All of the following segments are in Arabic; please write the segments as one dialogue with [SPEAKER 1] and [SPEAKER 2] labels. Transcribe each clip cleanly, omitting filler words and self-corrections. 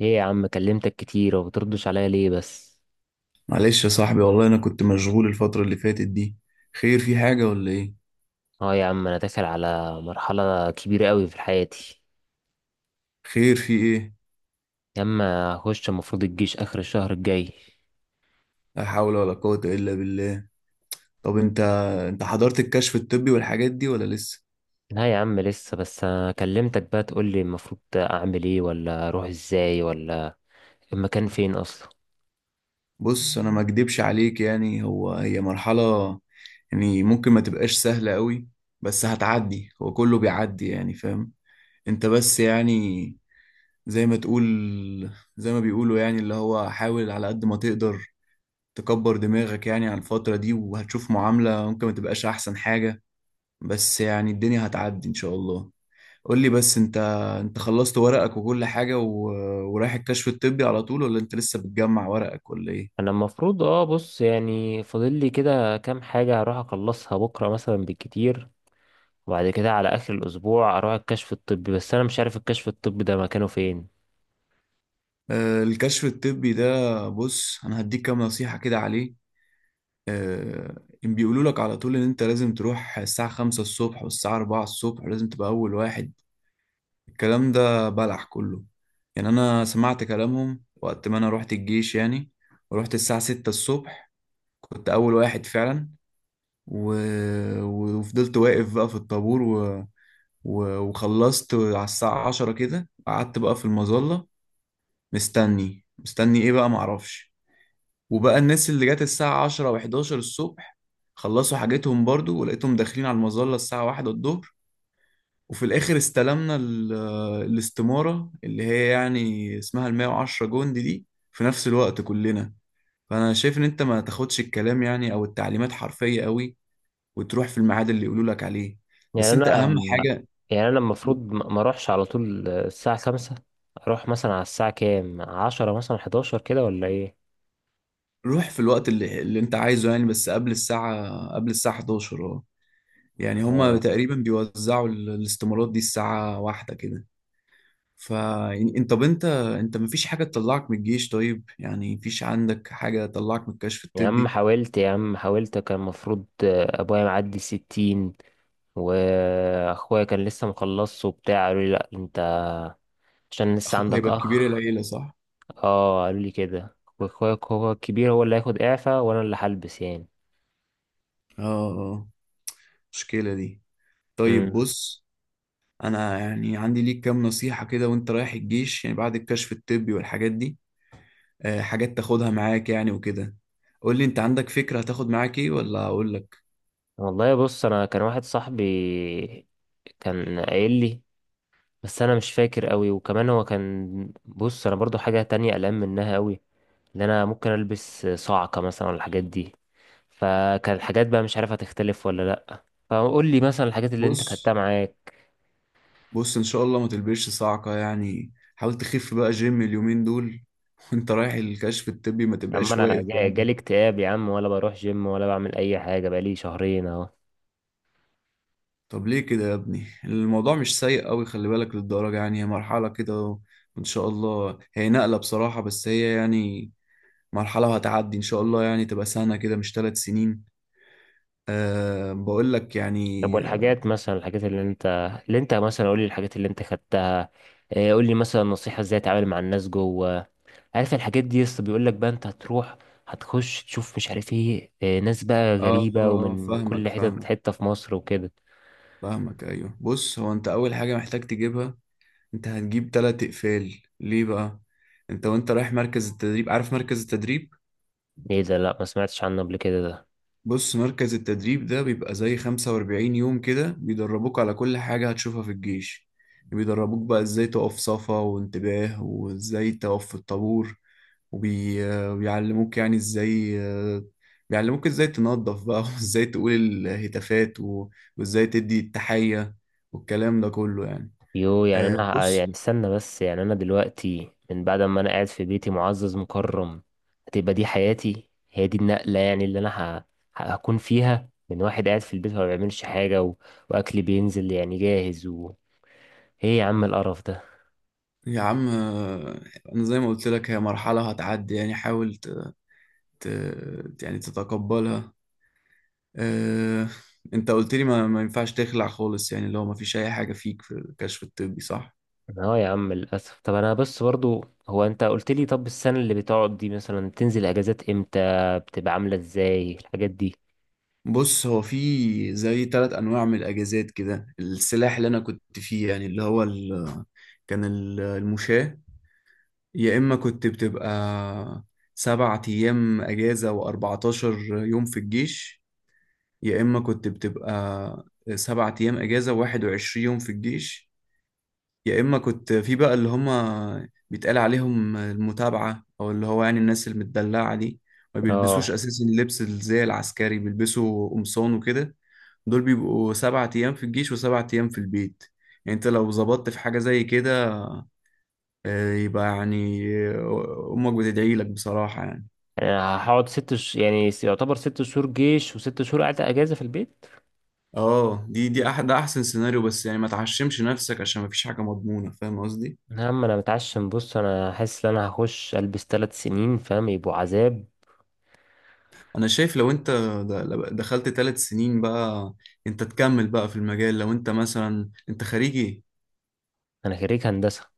[SPEAKER 1] ايه يا عم، كلمتك كتير وبتردش عليا ليه بس؟
[SPEAKER 2] معلش يا صاحبي، والله انا كنت مشغول الفترة اللي فاتت دي. خير، في حاجة ولا ايه؟
[SPEAKER 1] اه يا عم، انا داخل على مرحلة كبيرة قوي في حياتي.
[SPEAKER 2] خير في ايه؟
[SPEAKER 1] يا عم هخش المفروض الجيش اخر الشهر الجاي.
[SPEAKER 2] لا حول ولا قوة الا بالله. طب انت حضرت الكشف الطبي والحاجات دي ولا لسه؟
[SPEAKER 1] لا يا عم لسه بس. كلمتك بقى تقولي المفروض اعمل ايه، ولا اروح ازاي، ولا المكان فين اصلا.
[SPEAKER 2] بص، انا ما اكدبش عليك، يعني هو هي مرحلة، يعني ممكن ما تبقاش سهلة قوي، بس هتعدي، هو كله بيعدي، يعني فاهم؟ انت بس يعني زي ما تقول، زي ما بيقولوا، يعني اللي هو حاول على قد ما تقدر تكبر دماغك يعني على الفترة دي، وهتشوف معاملة ممكن ما تبقاش احسن حاجة، بس يعني الدنيا هتعدي ان شاء الله. قول لي بس انت، انت خلصت ورقك وكل حاجة ورايح الكشف الطبي على طول، ولا انت لسه بتجمع ورقك ولا ايه؟
[SPEAKER 1] انا المفروض اه بص يعني فاضل لي كده كام حاجة هروح اخلصها بكرة مثلا بالكتير، وبعد كده على اخر الاسبوع اروح الكشف الطبي، بس انا مش عارف الكشف الطبي ده مكانه فين.
[SPEAKER 2] آه، الكشف الطبي ده، بص انا هديك كام نصيحة كده عليه. آه، إن بيقولوا لك على طول ان انت لازم تروح الساعة 5 الصبح والساعة 4 الصبح، ولازم تبقى اول واحد. الكلام ده بلح كله. يعني انا سمعت كلامهم وقت ما انا رحت الجيش، يعني ورحت الساعة 6 الصبح، كنت اول واحد فعلا، و... وفضلت واقف بقى في الطابور، وخلصت على الساعة 10 كده، قعدت بقى في المظلة، مستني مستني ايه بقى معرفش. وبقى الناس اللي جت الساعة 10 و11 الصبح خلصوا حاجتهم برضو، ولقيتهم داخلين على المظلة الساعة 1 الظهر. وفي الآخر استلمنا الاستمارة اللي هي يعني اسمها 110 جندي دي في نفس الوقت كلنا. فأنا شايف إن أنت ما تاخدش الكلام، يعني أو التعليمات، حرفية قوي، وتروح في الميعاد اللي يقولوا لك عليه،
[SPEAKER 1] يعني
[SPEAKER 2] بس انت
[SPEAKER 1] انا
[SPEAKER 2] اهم حاجة.
[SPEAKER 1] يعني انا المفروض ما اروحش على طول الساعة 5، اروح مثلا على الساعة كام، 10 مثلا، 11 كده، ولا ايه؟
[SPEAKER 2] روح في الوقت اللي انت عايزه، يعني بس قبل الساعة، قبل الساعة 11، اه. يعني هما
[SPEAKER 1] اه
[SPEAKER 2] تقريبا بيوزعوا الاستمارات دي الساعة 1 كده. ف يعني انت، طب انت مفيش حاجة تطلعك من الجيش، طيب يعني مفيش عندك حاجة تطلعك من الكشف
[SPEAKER 1] يا عم
[SPEAKER 2] الطبي؟
[SPEAKER 1] حاولت، يا عم حاولت. كان المفروض ابويا معدي 60، واخويا كان لسه مخلصه وبتاع، قالوا لي لا انت عشان لسه
[SPEAKER 2] اخوك
[SPEAKER 1] عندك
[SPEAKER 2] هيبقى كبير
[SPEAKER 1] اخ.
[SPEAKER 2] العيلة صح؟
[SPEAKER 1] اه قالوا لي كده، واخويا هو الكبير، هو اللي هياخد اعفاء وانا اللي هلبس يعني.
[SPEAKER 2] اه. اه. مشكلة دي. طيب
[SPEAKER 1] امم
[SPEAKER 2] بص، انا يعني عندي ليك كام نصيحة كده وانت رايح الجيش، يعني بعد الكشف الطبي والحاجات دي. آه، حاجات تاخدها معاك يعني وكده. قول لي انت عندك فكرة هتاخد معاك ايه، ولا اقول لك؟
[SPEAKER 1] والله بص انا كان واحد صاحبي كان قايل لي، بس انا مش فاكر قوي. وكمان هو كان بص، انا برضو حاجة تانية قلقان منها قوي، ان انا ممكن البس صعقة مثلا ولا الحاجات دي، فكان الحاجات بقى مش عارف هتختلف ولا لا. فقول لي مثلا الحاجات اللي انت
[SPEAKER 2] بص.
[SPEAKER 1] خدتها معاك.
[SPEAKER 2] بص، ان شاء الله ما تلبسش صاعقة، يعني حاول تخف بقى جيم اليومين دول وانت رايح الكشف الطبي ما
[SPEAKER 1] يا عم
[SPEAKER 2] تبقاش
[SPEAKER 1] انا
[SPEAKER 2] واقف يعني.
[SPEAKER 1] جالي اكتئاب يا عم، ولا بروح جيم ولا بعمل اي حاجة بقالي شهرين اهو.
[SPEAKER 2] طب ليه كده يا ابني؟ الموضوع مش سيء قوي، خلي بالك للدرجة، يعني هي مرحلة كده، وان شاء الله هي نقلة بصراحة، بس هي يعني مرحلة وهتعدي ان شاء الله، يعني تبقى سنة كده مش 3 سنين. أه، بقول لك
[SPEAKER 1] طب
[SPEAKER 2] يعني اه.
[SPEAKER 1] والحاجات مثلا، الحاجات اللي انت، اللي انت مثلا، قول لي الحاجات اللي انت خدتها. قول لي مثلا نصيحة ازاي اتعامل مع الناس جوه، عارف الحاجات دي؟ يسطا بيقول لك بقى انت هتروح، هتخش تشوف مش عارف ايه، آه، ناس بقى
[SPEAKER 2] آه.
[SPEAKER 1] غريبة
[SPEAKER 2] آه،
[SPEAKER 1] ومن كل
[SPEAKER 2] فاهمك
[SPEAKER 1] حتة
[SPEAKER 2] فاهمك.
[SPEAKER 1] حتة في مصر وكده.
[SPEAKER 2] فاهمك، ايوه، بص هو انت اول حاجه محتاج تجيبها، انت هتجيب تلات اقفال، ليه بقى؟ انت وانت رايح مركز التدريب، عارف مركز التدريب؟
[SPEAKER 1] ايه ده؟ لا ما سمعتش عنه قبل كده ده.
[SPEAKER 2] بص، مركز التدريب ده بيبقى زي 45 يوم كده، بيدربوك على كل حاجه هتشوفها في الجيش، بيدربوك بقى ازاي تقف صفا وانتباه، وازاي تقف في الطابور، وبيعلموك يعني ازاي، آه، بيعلموك ازاي تنظف بقى وازاي تقول الهتافات، وازاي تدي التحيه، والكلام ده كله يعني.
[SPEAKER 1] يو يعني
[SPEAKER 2] آه،
[SPEAKER 1] انا يعني
[SPEAKER 2] بص
[SPEAKER 1] استنى، بس يعني انا دلوقتي من بعد ما انا قاعد في بيتي معزز مكرم، هتبقى دي حياتي؟ هي دي النقلة يعني اللي انا هكون فيها، من واحد قاعد في البيت ما بيعملش حاجة، و... واكلي بينزل يعني جاهز. و... ايه يا عم القرف ده؟
[SPEAKER 2] يا عم، آه، انا زي ما قلت لك هي مرحلة هتعدي، يعني حاول ت... يعني تتقبلها. آه، انت قلت لي ما ينفعش تخلع خالص، يعني اللي هو ما فيش اي حاجة فيك في الكشف الطبي صح؟
[SPEAKER 1] اه يا عم للاسف. طب انا بس برضو، هو انت قلت لي طب السنه اللي بتقعد دي مثلا تنزل اجازات امتى؟ بتبقى عامله ازاي الحاجات دي؟
[SPEAKER 2] بص، هو في زي ثلاث انواع من الاجازات كده، السلاح اللي انا كنت فيه، يعني اللي هو كان المشاة. يا اما كنت بتبقى 7 ايام اجازة و14 يوم في الجيش. يا إما كنت بتبقى 7 أيام إجازة وواحد وعشرين يوم في الجيش. يا إما كنت في بقى اللي هما بيتقال عليهم المتابعة، أو اللي هو يعني الناس المدلعة دي، ما بيلبسوش
[SPEAKER 1] اه
[SPEAKER 2] أساسا اللبس زي العسكري، بيلبسوا قمصان وكده. دول بيبقوا 7 أيام في الجيش وسبعة أيام في البيت. يعني أنت لو ظبطت في حاجة زي كده، آه، يبقى يعني، آه، أمك بتدعي لك بصراحة يعني.
[SPEAKER 1] انا هقعد ست ش... يعني س- يعتبر 6 شهور جيش وست شهور قاعده اجازه في البيت.
[SPEAKER 2] اه، دي دي أح ده أحسن سيناريو، بس يعني ما تعشمش نفسك عشان ما فيش حاجة مضمونة، فاهم قصدي؟
[SPEAKER 1] يا عم انا متعشم، بص انا حاسس ان انا هخش البس 3 سنين، فاهم؟ يبقوا عذاب.
[SPEAKER 2] انا شايف لو انت دخلت 3 سنين بقى، انت تكمل بقى في المجال، لو انت مثلا انت خريجي،
[SPEAKER 1] انا خريج هندسه.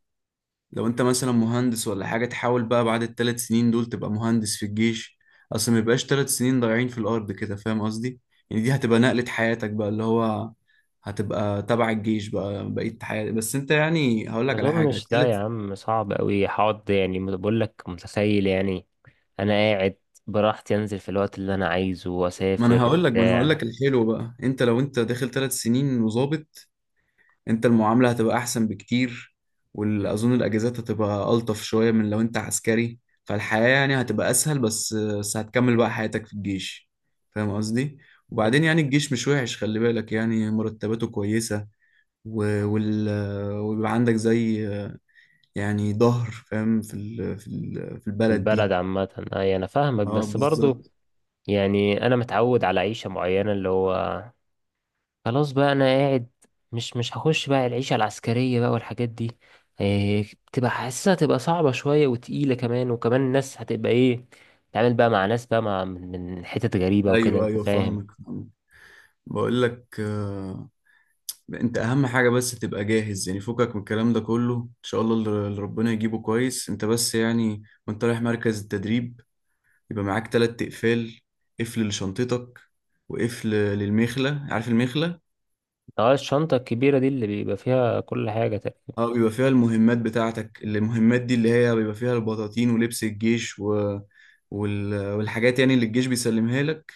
[SPEAKER 2] لو انت مثلا مهندس ولا حاجة، تحاول بقى بعد ال3 سنين دول تبقى مهندس في الجيش، اصل ما يبقاش 3 سنين ضايعين في الارض كده، فاهم قصدي؟ يعني دي هتبقى نقلة حياتك بقى، اللي هو هتبقى تبع الجيش بقى بقية حياتك، بس انت يعني هقول
[SPEAKER 1] ما
[SPEAKER 2] لك على حاجة،
[SPEAKER 1] اظنش، لا يا
[SPEAKER 2] الثلاث
[SPEAKER 1] عم صعب قوي. هقعد يعني بقول لك، متخيل يعني انا قاعد براحتي، انزل في الوقت اللي انا عايزه
[SPEAKER 2] ما انا
[SPEAKER 1] واسافر
[SPEAKER 2] هقول لك ما انا هقول لك
[SPEAKER 1] وبتاع.
[SPEAKER 2] الحلو بقى، انت لو انت داخل 3 سنين وظابط، انت المعاملة هتبقى احسن بكتير، واظن الاجازات هتبقى الطف شوية من لو انت عسكري، فالحياة يعني هتبقى اسهل، بس هتكمل بقى حياتك في الجيش، فاهم قصدي؟ وبعدين يعني الجيش مش وحش، خلي بالك، يعني مرتباته كويسة، و- وال... ويبقى عندك زي، يعني ظهر فاهم في
[SPEAKER 1] في
[SPEAKER 2] البلد
[SPEAKER 1] البلد
[SPEAKER 2] دي.
[SPEAKER 1] عامة، أي أنا فاهمك،
[SPEAKER 2] اه،
[SPEAKER 1] بس برضو
[SPEAKER 2] بالظبط.
[SPEAKER 1] يعني أنا متعود على عيشة معينة، اللي هو خلاص بقى أنا قاعد، مش هخش بقى العيشة العسكرية بقى والحاجات دي. إيه بتبقى حاسسها؟ تبقى صعبة شوية وتقيلة كمان، وكمان الناس هتبقى إيه؟ تعمل بقى مع ناس بقى، مع من حتت غريبة وكده،
[SPEAKER 2] ايوه
[SPEAKER 1] أنت
[SPEAKER 2] ايوه
[SPEAKER 1] فاهم.
[SPEAKER 2] فاهمك فاهمك. بقول لك، آه، انت اهم حاجة بس تبقى جاهز، يعني فكك من الكلام ده كله ان شاء الله، اللي ربنا يجيبه كويس، انت بس يعني وانت رايح مركز التدريب يبقى معاك تلات اقفال، قفل لشنطتك وقفل للمخلة، عارف المخلة؟
[SPEAKER 1] اه الشنطة الكبيرة دي اللي بيبقى فيها كل حاجة تقريبا.
[SPEAKER 2] اه، بيبقى فيها المهمات بتاعتك، المهمات دي اللي هي بيبقى فيها البطاطين ولبس الجيش، والحاجات يعني اللي الجيش بيسلمها لك،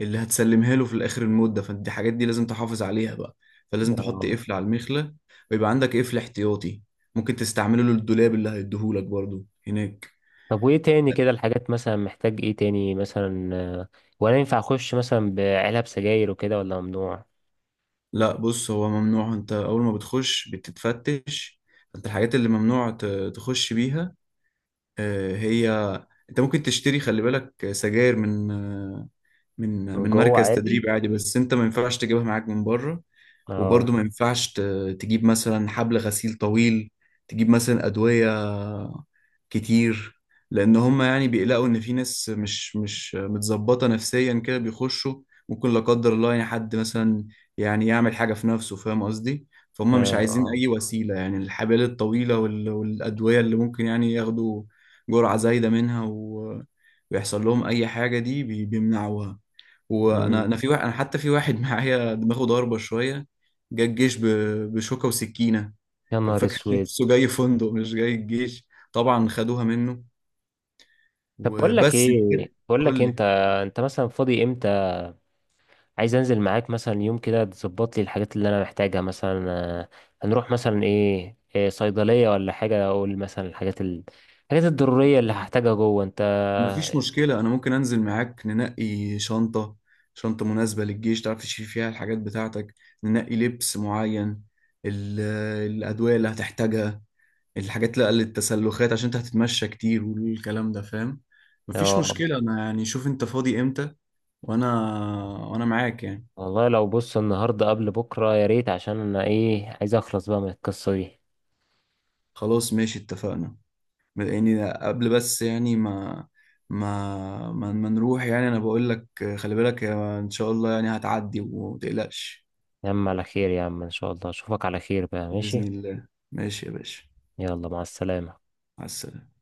[SPEAKER 2] اللي هتسلمها له في الاخر المدة، فانت دي حاجات دي لازم تحافظ عليها بقى، فلازم تحط
[SPEAKER 1] اه.
[SPEAKER 2] قفل على المخلة، ويبقى عندك قفل احتياطي ممكن تستعمله للدولاب اللي هيديهولك برضو هناك.
[SPEAKER 1] طب وإيه تاني كده؟ الحاجات مثلا محتاج إيه تاني مثلا، آه، ولا ينفع أخش مثلا بعلب سجاير وكده، ولا ممنوع؟
[SPEAKER 2] لا، بص هو ممنوع، انت اول ما بتخش بتتفتش، انت الحاجات اللي ممنوع تخش بيها، آه، هي انت ممكن تشتري، خلي بالك، سجاير من، آه، من
[SPEAKER 1] من
[SPEAKER 2] من
[SPEAKER 1] جوه
[SPEAKER 2] مركز
[SPEAKER 1] عادي.
[SPEAKER 2] تدريب عادي، بس انت ما ينفعش تجيبها معاك من بره. وبرضه
[SPEAKER 1] اه.
[SPEAKER 2] ما ينفعش تجيب مثلا حبل غسيل طويل، تجيب مثلا أدوية كتير، لأن هم يعني بيقلقوا إن في ناس مش متظبطة نفسيا كده بيخشوا، ممكن لا قدر الله يعني حد مثلا يعني يعمل حاجة في نفسه، فاهم قصدي؟ فهم مش
[SPEAKER 1] فاهم،
[SPEAKER 2] عايزين
[SPEAKER 1] اه.
[SPEAKER 2] أي وسيلة، يعني الحبال الطويلة والأدوية اللي ممكن يعني ياخدوا جرعة زايدة منها، ويحصل لهم أي حاجة، دي بيمنعوها. وانا
[SPEAKER 1] مم.
[SPEAKER 2] انا في واحد، انا حتى في واحد معايا دماغه ضاربه شويه، جه الجيش بشوكه وسكينه،
[SPEAKER 1] يا
[SPEAKER 2] كان
[SPEAKER 1] نهار
[SPEAKER 2] فاكر
[SPEAKER 1] اسود.
[SPEAKER 2] نفسه جاي فندق مش جاي الجيش، طبعا خدوها منه،
[SPEAKER 1] طب بقول لك
[SPEAKER 2] وبس انت
[SPEAKER 1] ايه،
[SPEAKER 2] كده.
[SPEAKER 1] بقول لك
[SPEAKER 2] قول
[SPEAKER 1] إيه، انت،
[SPEAKER 2] لي.
[SPEAKER 1] انت مثلا فاضي امتى؟ عايز انزل معاك مثلا يوم كده تظبط لي الحاجات اللي انا محتاجها مثلا، آه، هنروح مثلا إيه صيدلية ولا حاجة، اقول مثلا الحاجات ال... الحاجات الضرورية اللي هحتاجها جوه انت.
[SPEAKER 2] مفيش مشكله، انا ممكن انزل معاك ننقي شنطه، شنطه مناسبه للجيش تعرف تشيل فيها الحاجات بتاعتك، ننقي لبس معين، ال- الادويه اللي هتحتاجها، الحاجات لا للتسلخات عشان انت هتتمشى كتير والكلام ده، فاهم؟ مفيش
[SPEAKER 1] اه.
[SPEAKER 2] مشكله، انا يعني شوف انت فاضي امتى، وانا وانا معاك يعني.
[SPEAKER 1] والله لو بص النهاردة قبل بكرة يا ريت، عشان انا ايه، عايز اخلص بقى من القصة دي.
[SPEAKER 2] خلاص ماشي، اتفقنا، يعني قبل بس يعني ما نروح، يعني انا بقول لك خلي بالك يا، ان شاء الله يعني هتعدي وما تقلقش.
[SPEAKER 1] يا عم على خير، يا عم ان شاء الله اشوفك على خير بقى،
[SPEAKER 2] بإذن
[SPEAKER 1] ماشي.
[SPEAKER 2] الله، ماشي يا باشا.
[SPEAKER 1] يلا مع السلامة.
[SPEAKER 2] مع السلامة.